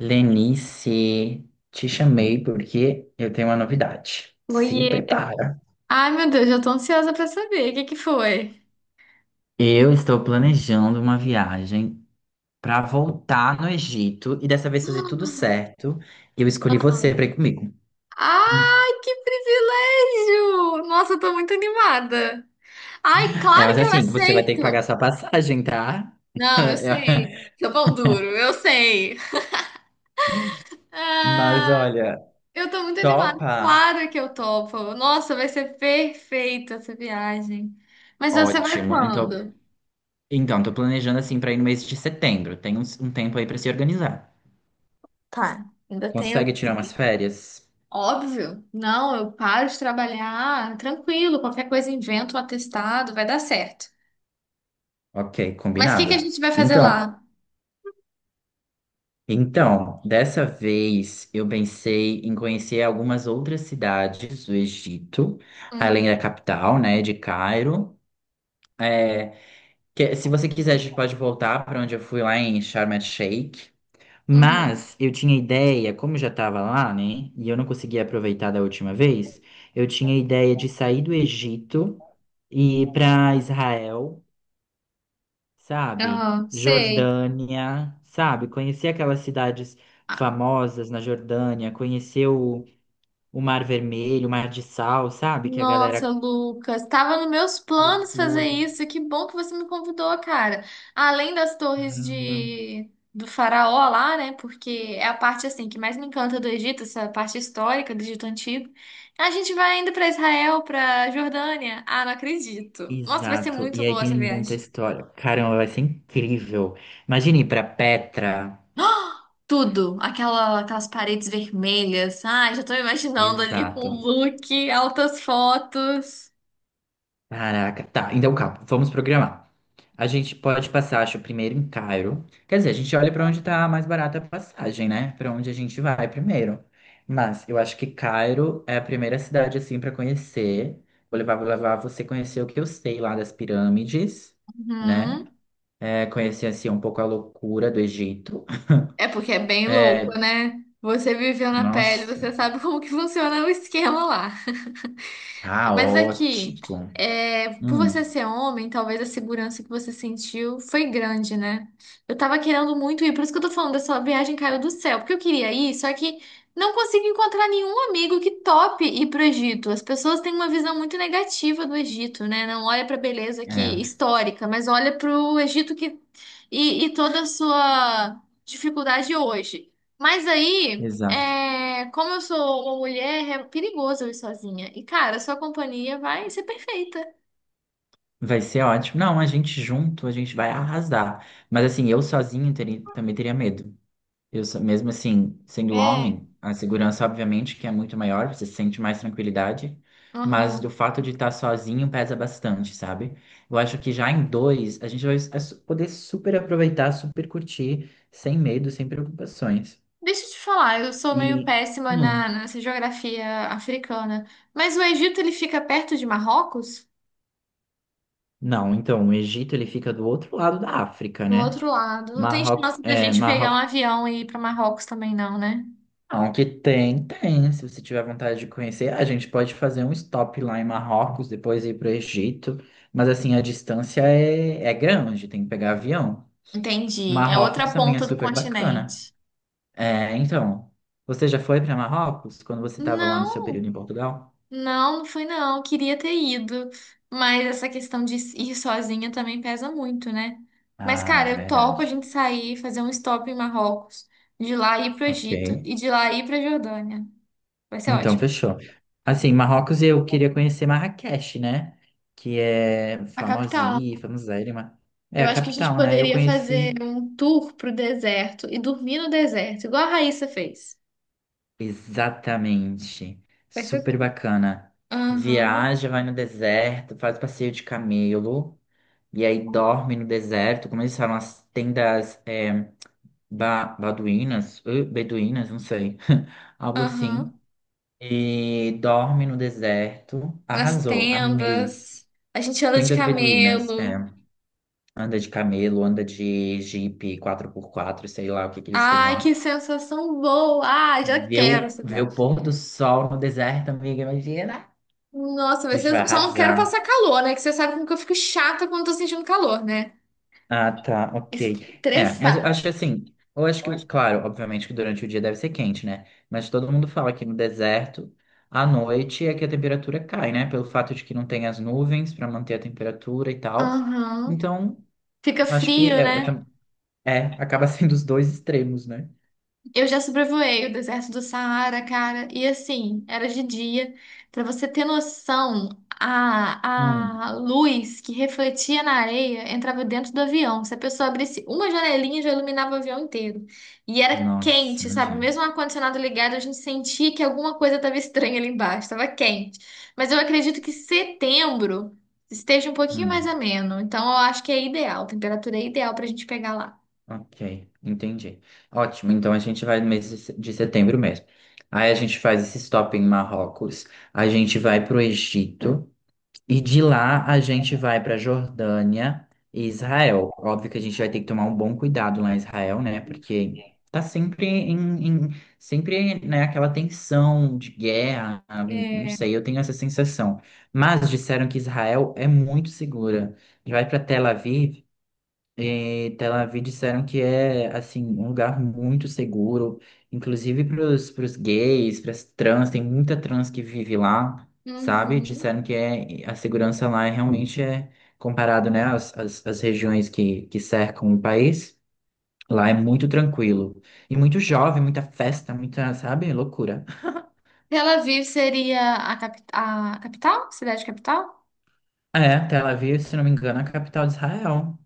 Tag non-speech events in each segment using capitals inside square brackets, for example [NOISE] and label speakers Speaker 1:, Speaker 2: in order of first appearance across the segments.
Speaker 1: Lenice, te chamei porque eu tenho uma novidade. Se
Speaker 2: Oiê.
Speaker 1: prepara.
Speaker 2: Ai, meu Deus, eu tô ansiosa pra saber. O que que foi?
Speaker 1: Eu estou planejando uma viagem para voltar no Egito e dessa vez fazer tudo certo. E eu escolhi você para ir comigo.
Speaker 2: Ai, que privilégio! Nossa, eu tô muito animada. Ai,
Speaker 1: É,
Speaker 2: claro
Speaker 1: mas
Speaker 2: que eu
Speaker 1: assim, você vai ter que pagar
Speaker 2: aceito.
Speaker 1: sua passagem, tá?
Speaker 2: Não, eu
Speaker 1: [LAUGHS]
Speaker 2: sei. Seu pão duro, eu sei.
Speaker 1: É. Mas
Speaker 2: Ah,
Speaker 1: olha,
Speaker 2: eu tô muito animada.
Speaker 1: topa?
Speaker 2: Claro que eu topo. Nossa, vai ser perfeita essa viagem. Mas você vai
Speaker 1: Ótimo. Então,
Speaker 2: quando?
Speaker 1: então, tô planejando assim para ir no mês de setembro. Tem um tempo aí para se organizar.
Speaker 2: Tá, ainda tem
Speaker 1: Consegue
Speaker 2: alguns
Speaker 1: tirar umas
Speaker 2: dias.
Speaker 1: férias?
Speaker 2: Óbvio. Não, eu paro de trabalhar, tranquilo, qualquer coisa invento um atestado, vai dar certo.
Speaker 1: Ok,
Speaker 2: Mas o que que a
Speaker 1: combinado.
Speaker 2: gente vai fazer
Speaker 1: Então,
Speaker 2: lá?
Speaker 1: então, dessa vez eu pensei em conhecer algumas outras cidades do Egito, além
Speaker 2: Uhum,
Speaker 1: da capital, né, de Cairo. É, se você quiser, a gente pode voltar para onde eu fui lá em Sharm el-Sheikh.
Speaker 2: uhum.
Speaker 1: Mas eu tinha ideia, como eu já estava lá, né, e eu não conseguia aproveitar da última vez, eu tinha ideia de sair do Egito e ir para Israel. Sabe?
Speaker 2: Aham, sei.
Speaker 1: Jordânia, sabe? Conhecer aquelas cidades
Speaker 2: Ah,
Speaker 1: famosas na Jordânia, conhecer o Mar Vermelho, o Mar de Sal, sabe? Que a
Speaker 2: nossa,
Speaker 1: galera
Speaker 2: Lucas, estava nos meus planos fazer
Speaker 1: cultua.
Speaker 2: isso. E que bom que você me convidou, cara. Além das torres
Speaker 1: Caramba.
Speaker 2: de do faraó lá, né? Porque é a parte assim que mais me encanta do Egito, essa parte histórica do Egito antigo. A gente vai ainda para Israel, para Jordânia. Ah, não acredito. Nossa, vai ser
Speaker 1: Exato.
Speaker 2: muito
Speaker 1: E aí
Speaker 2: boa
Speaker 1: tem
Speaker 2: essa
Speaker 1: muita
Speaker 2: viagem.
Speaker 1: história. Caramba, vai ser incrível. Imagine ir para Petra.
Speaker 2: Tudo, aquelas paredes vermelhas. Ai, já tô me imaginando ali com
Speaker 1: Exato.
Speaker 2: o look, altas fotos.
Speaker 1: Caraca, tá. Então, calma, vamos programar. A gente pode passar, acho, primeiro em Cairo. Quer dizer, a gente olha pra onde tá mais barata a passagem, né? Pra onde a gente vai primeiro. Mas eu acho que Cairo é a primeira cidade, assim, pra conhecer. Vou levar você conhecer o que eu sei lá das pirâmides, né?
Speaker 2: Uhum.
Speaker 1: É, conhecer, assim, um pouco a loucura do Egito. [LAUGHS]
Speaker 2: É porque é bem louco, né? Você viveu na pele,
Speaker 1: Nossa,
Speaker 2: você sabe como que funciona o esquema lá. Mas aqui,
Speaker 1: caótico.
Speaker 2: é, por você
Speaker 1: Hum,
Speaker 2: ser homem, talvez a segurança que você sentiu foi grande, né? Eu tava querendo muito ir, por isso que eu tô falando dessa viagem caiu do céu, porque eu queria ir, só que não consigo encontrar nenhum amigo que tope ir pro Egito. As pessoas têm uma visão muito negativa do Egito, né? Não olha pra beleza que
Speaker 1: é,
Speaker 2: histórica, mas olha pro Egito que e toda a sua dificuldade hoje. Mas aí é, como eu sou uma mulher, é perigoso eu ir sozinha. E, cara, sua companhia vai ser perfeita.
Speaker 1: Vai ser ótimo. Não, a gente junto, a gente vai arrasar. Mas assim, eu sozinho também teria medo. Mesmo assim, sendo
Speaker 2: É.
Speaker 1: homem, a segurança obviamente que é muito maior, você sente mais tranquilidade, mas
Speaker 2: Uhum.
Speaker 1: do fato de estar sozinho pesa bastante, sabe? Eu acho que já em dois, a gente poder super aproveitar, super curtir, sem medo, sem preocupações.
Speaker 2: Deixa eu te falar, eu sou meio
Speaker 1: E,
Speaker 2: péssima
Speaker 1: hum,
Speaker 2: nessa geografia africana. Mas o Egito, ele fica perto de Marrocos?
Speaker 1: não, então, o Egito ele fica do outro lado da África,
Speaker 2: Do
Speaker 1: né?
Speaker 2: outro lado. Não tem
Speaker 1: Marrocos,
Speaker 2: chance da gente pegar um avião e ir para Marrocos também, não, né?
Speaker 1: não, que tem, tem. Se você tiver vontade de conhecer, a gente pode fazer um stop lá em Marrocos, depois ir para o Egito. Mas assim, a distância é grande, tem que pegar avião.
Speaker 2: Entendi. É
Speaker 1: Marrocos
Speaker 2: outra
Speaker 1: também é
Speaker 2: ponta do
Speaker 1: super bacana.
Speaker 2: continente.
Speaker 1: É, então, você já foi para Marrocos quando você estava lá no seu
Speaker 2: Não.
Speaker 1: período em Portugal?
Speaker 2: Não, não fui não. Queria ter ido. Mas essa questão de ir sozinha também pesa muito, né? Mas,
Speaker 1: Ah,
Speaker 2: cara,
Speaker 1: é
Speaker 2: eu topo a
Speaker 1: verdade.
Speaker 2: gente sair, fazer um stop em Marrocos, de lá ir pro
Speaker 1: Ok.
Speaker 2: Egito e de lá ir pra Jordânia. Vai ser
Speaker 1: Então,
Speaker 2: ótimo.
Speaker 1: fechou. Assim, Marrocos eu queria conhecer Marrakech, né? Que é
Speaker 2: A capital.
Speaker 1: famosíssima, famosérrima. É
Speaker 2: Eu
Speaker 1: a
Speaker 2: acho que a gente
Speaker 1: capital, né? Eu
Speaker 2: poderia fazer
Speaker 1: conheci.
Speaker 2: um tour pro deserto e dormir no deserto, igual a Raíssa fez.
Speaker 1: Exatamente.
Speaker 2: Vai ser.
Speaker 1: Super bacana.
Speaker 2: Aham,
Speaker 1: Viaja, vai no deserto, faz passeio de camelo, e aí dorme no deserto, como eles falam, as tendas é, baduínas, beduínas, não sei, [LAUGHS] algo assim.
Speaker 2: aham.
Speaker 1: E dorme no deserto.
Speaker 2: Nas
Speaker 1: Arrasou, amei.
Speaker 2: tendas. A gente anda de
Speaker 1: Tendas beduínas,
Speaker 2: camelo.
Speaker 1: é, anda de camelo, anda de jipe quatro por quatro sei lá o que que eles têm
Speaker 2: Ai, que
Speaker 1: lá.
Speaker 2: sensação boa! Ai, já
Speaker 1: Ver
Speaker 2: quero
Speaker 1: o,
Speaker 2: essa
Speaker 1: ver o
Speaker 2: viagem.
Speaker 1: pôr do sol no deserto, amiga, imagina!
Speaker 2: Nossa,
Speaker 1: A
Speaker 2: vai
Speaker 1: gente vai
Speaker 2: ser. Só não quero
Speaker 1: arrasar.
Speaker 2: passar calor, né? Que você sabe como que eu fico chata quando tô sentindo calor, né?
Speaker 1: Ah, tá, ok. É, mas eu acho
Speaker 2: Estressada.
Speaker 1: que assim, eu acho que, claro, obviamente que durante o dia deve ser quente, né? Mas todo mundo fala que no deserto, à noite é que a temperatura cai, né? Pelo fato de que não tem as nuvens para manter a temperatura e tal.
Speaker 2: Aham.
Speaker 1: Então,
Speaker 2: Fica
Speaker 1: acho que
Speaker 2: frio, né?
Speaker 1: acaba [LAUGHS] sendo os dois extremos, né?
Speaker 2: Eu já sobrevoei o deserto do Saara, cara, e assim, era de dia. Pra você ter noção,
Speaker 1: Hum.
Speaker 2: a luz que refletia na areia entrava dentro do avião. Se a pessoa abrisse uma janelinha, já iluminava o avião inteiro. E era
Speaker 1: Nossa,
Speaker 2: quente, sabe?
Speaker 1: imagina.
Speaker 2: Mesmo o ar-condicionado ligado, a gente sentia que alguma coisa estava estranha ali embaixo, estava quente. Mas eu acredito que setembro esteja um pouquinho mais
Speaker 1: Hum.
Speaker 2: ameno. Então eu acho que é ideal, a temperatura é ideal pra gente pegar lá.
Speaker 1: Ok, entendi. Ótimo, então a gente vai no mês de se- de setembro mesmo. Aí a gente faz esse stop em Marrocos, a gente vai para o Egito e de lá a gente vai para Jordânia e Israel. Óbvio que a gente vai ter que tomar um bom cuidado lá em Israel, né? Porque tá sempre em, em- sempre, né, aquela tensão de guerra, ah, não
Speaker 2: É.
Speaker 1: sei, eu tenho essa sensação. Mas disseram que Israel é muito segura. Vai para Tel Aviv. E Tel Aviv disseram que é assim um lugar muito seguro, inclusive para os gays, para as trans, tem muita trans que vive lá, sabe?
Speaker 2: Uhum.
Speaker 1: Disseram que é, a segurança lá é, realmente é comparado, né, às regiões que cercam o país. Lá é muito tranquilo. E muito jovem, muita festa, muita, sabe, loucura.
Speaker 2: Tel Aviv seria a, capital? Cidade capital?
Speaker 1: É, Tel Aviv, se não me engano, é a capital de Israel.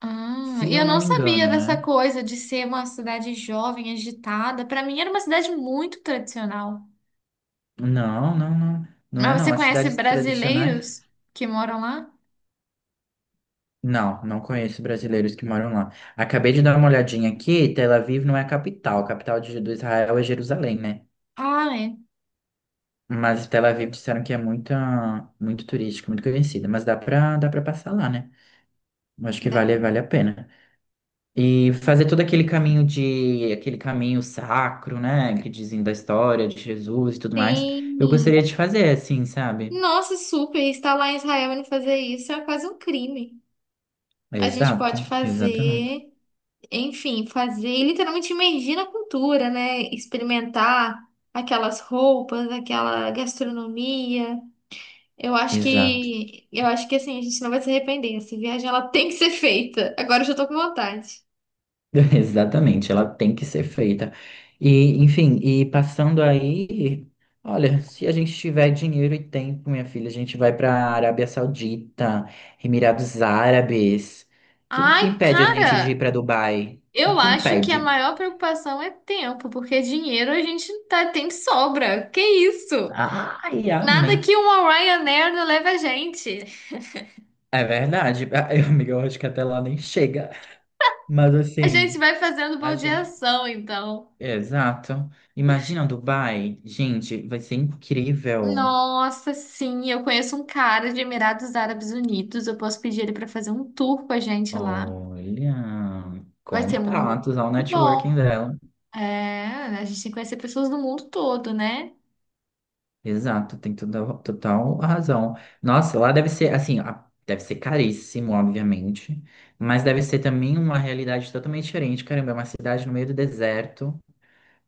Speaker 2: Ah,
Speaker 1: Se
Speaker 2: e
Speaker 1: eu
Speaker 2: eu
Speaker 1: não
Speaker 2: não
Speaker 1: me
Speaker 2: sabia
Speaker 1: engano,
Speaker 2: dessa
Speaker 1: né?
Speaker 2: coisa de ser uma cidade jovem, agitada. Para mim era uma cidade muito tradicional.
Speaker 1: Não. Não é
Speaker 2: Mas
Speaker 1: não.
Speaker 2: você
Speaker 1: As
Speaker 2: conhece
Speaker 1: cidades tradicionais.
Speaker 2: brasileiros que moram lá?
Speaker 1: Não, não conheço brasileiros que moram lá. Acabei de dar uma olhadinha aqui, Tel Aviv não é a capital. A capital do Israel é Jerusalém, né?
Speaker 2: Ah, é.
Speaker 1: Mas Tel Aviv disseram que é muito, muito turística, muito conhecida. Mas dá pra passar lá, né? Eu acho que
Speaker 2: Dá-
Speaker 1: vale a pena. E fazer todo aquele aquele caminho sacro, né? Que dizem da história de Jesus e tudo mais. Eu
Speaker 2: tem.
Speaker 1: gostaria de fazer, assim, sabe?
Speaker 2: Nossa, super. Estar lá em Israel e não fazer isso é quase um crime. A gente pode
Speaker 1: Exato, exatamente.
Speaker 2: fazer, enfim, fazer e literalmente imergir na cultura, né? Experimentar aquelas roupas, aquela gastronomia.
Speaker 1: Exato.
Speaker 2: Eu acho que assim, a gente não vai se arrepender. Essa viagem ela tem que ser feita. Agora eu já tô com vontade.
Speaker 1: [LAUGHS] Exatamente, ela tem que ser feita. E, enfim, e passando aí, olha, se a gente tiver dinheiro e tempo, minha filha, a gente vai para Arábia Saudita, Emirados Árabes. O que
Speaker 2: Ai,
Speaker 1: impede a gente de
Speaker 2: cara,
Speaker 1: ir para Dubai? O
Speaker 2: eu
Speaker 1: que
Speaker 2: acho que a
Speaker 1: impede?
Speaker 2: maior preocupação é tempo, porque dinheiro a gente tá, tem de sobra. Que isso?
Speaker 1: Ai, amém.
Speaker 2: Nada que uma Ryanair não leve a gente.
Speaker 1: É verdade. [LAUGHS] Ai, amiga, eu acho que até lá nem chega. Mas
Speaker 2: A gente
Speaker 1: assim,
Speaker 2: vai fazendo
Speaker 1: a gente.
Speaker 2: baldeação, então.
Speaker 1: Exato. Imagina Dubai, gente, vai ser incrível.
Speaker 2: Nossa, sim, eu conheço um cara de Emirados Árabes Unidos. Eu posso pedir ele para fazer um tour com a gente lá.
Speaker 1: Olha,
Speaker 2: Vai ser muito
Speaker 1: contatos ao networking
Speaker 2: bom.
Speaker 1: dela.
Speaker 2: É, a gente tem que conhecer pessoas do mundo todo, né?
Speaker 1: Exato, tem toda, total razão. Nossa, lá deve ser assim, deve ser caríssimo, obviamente, mas deve ser também uma realidade totalmente diferente. Caramba, é uma cidade no meio do deserto,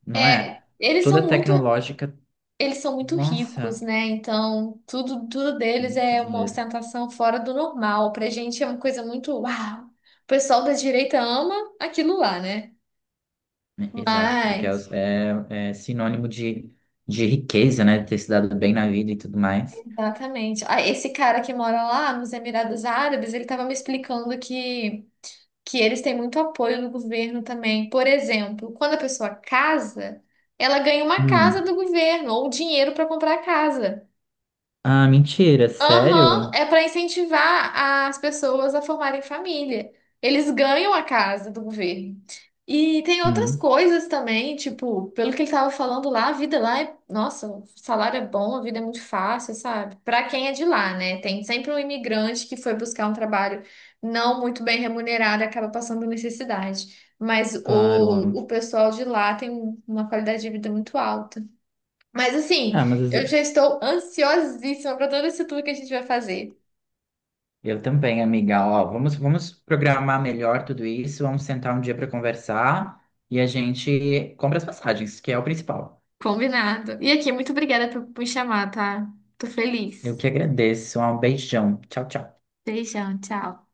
Speaker 1: não
Speaker 2: É,
Speaker 1: é?
Speaker 2: eles são
Speaker 1: Toda
Speaker 2: muito,
Speaker 1: tecnológica.
Speaker 2: eles são muito ricos,
Speaker 1: Nossa,
Speaker 2: né? Então, tudo deles
Speaker 1: muito
Speaker 2: é uma
Speaker 1: dinheiro.
Speaker 2: ostentação fora do normal. Pra gente é uma coisa muito, uau. O pessoal da direita ama aquilo lá, né?
Speaker 1: Né? Exato, porque é,
Speaker 2: Mas
Speaker 1: é sinônimo de riqueza, né? De ter se dado bem na vida e tudo mais.
Speaker 2: exatamente. Ah, esse cara que mora lá nos Emirados Árabes, ele estava me explicando que eles têm muito apoio do governo também. Por exemplo, quando a pessoa casa, ela ganha uma
Speaker 1: Hum.
Speaker 2: casa do governo ou dinheiro para comprar a casa.
Speaker 1: Ah, mentira,
Speaker 2: Aham,
Speaker 1: sério?
Speaker 2: é para incentivar as pessoas a formarem família. Eles ganham a casa do governo. E tem outras
Speaker 1: Hum.
Speaker 2: coisas também, tipo, pelo que ele estava falando lá, a vida lá é, nossa, o salário é bom, a vida é muito fácil, sabe? Para quem é de lá, né? Tem sempre um imigrante que foi buscar um trabalho não muito bem remunerado e acaba passando necessidade. Mas
Speaker 1: Claro,
Speaker 2: o
Speaker 1: ó.
Speaker 2: pessoal de lá tem uma qualidade de vida muito alta. Mas assim,
Speaker 1: Ah, mas às
Speaker 2: eu já
Speaker 1: vezes-
Speaker 2: estou ansiosíssima para todo esse tour que a gente vai fazer.
Speaker 1: eu também, amiga. Ó, vamos programar melhor tudo isso. Vamos sentar um dia para conversar e a gente compra as passagens, que é o principal.
Speaker 2: Combinado. E aqui, muito obrigada por me chamar, tá? Tô
Speaker 1: Eu
Speaker 2: feliz.
Speaker 1: que agradeço. Um beijão. Tchau, tchau.
Speaker 2: Beijão, tchau.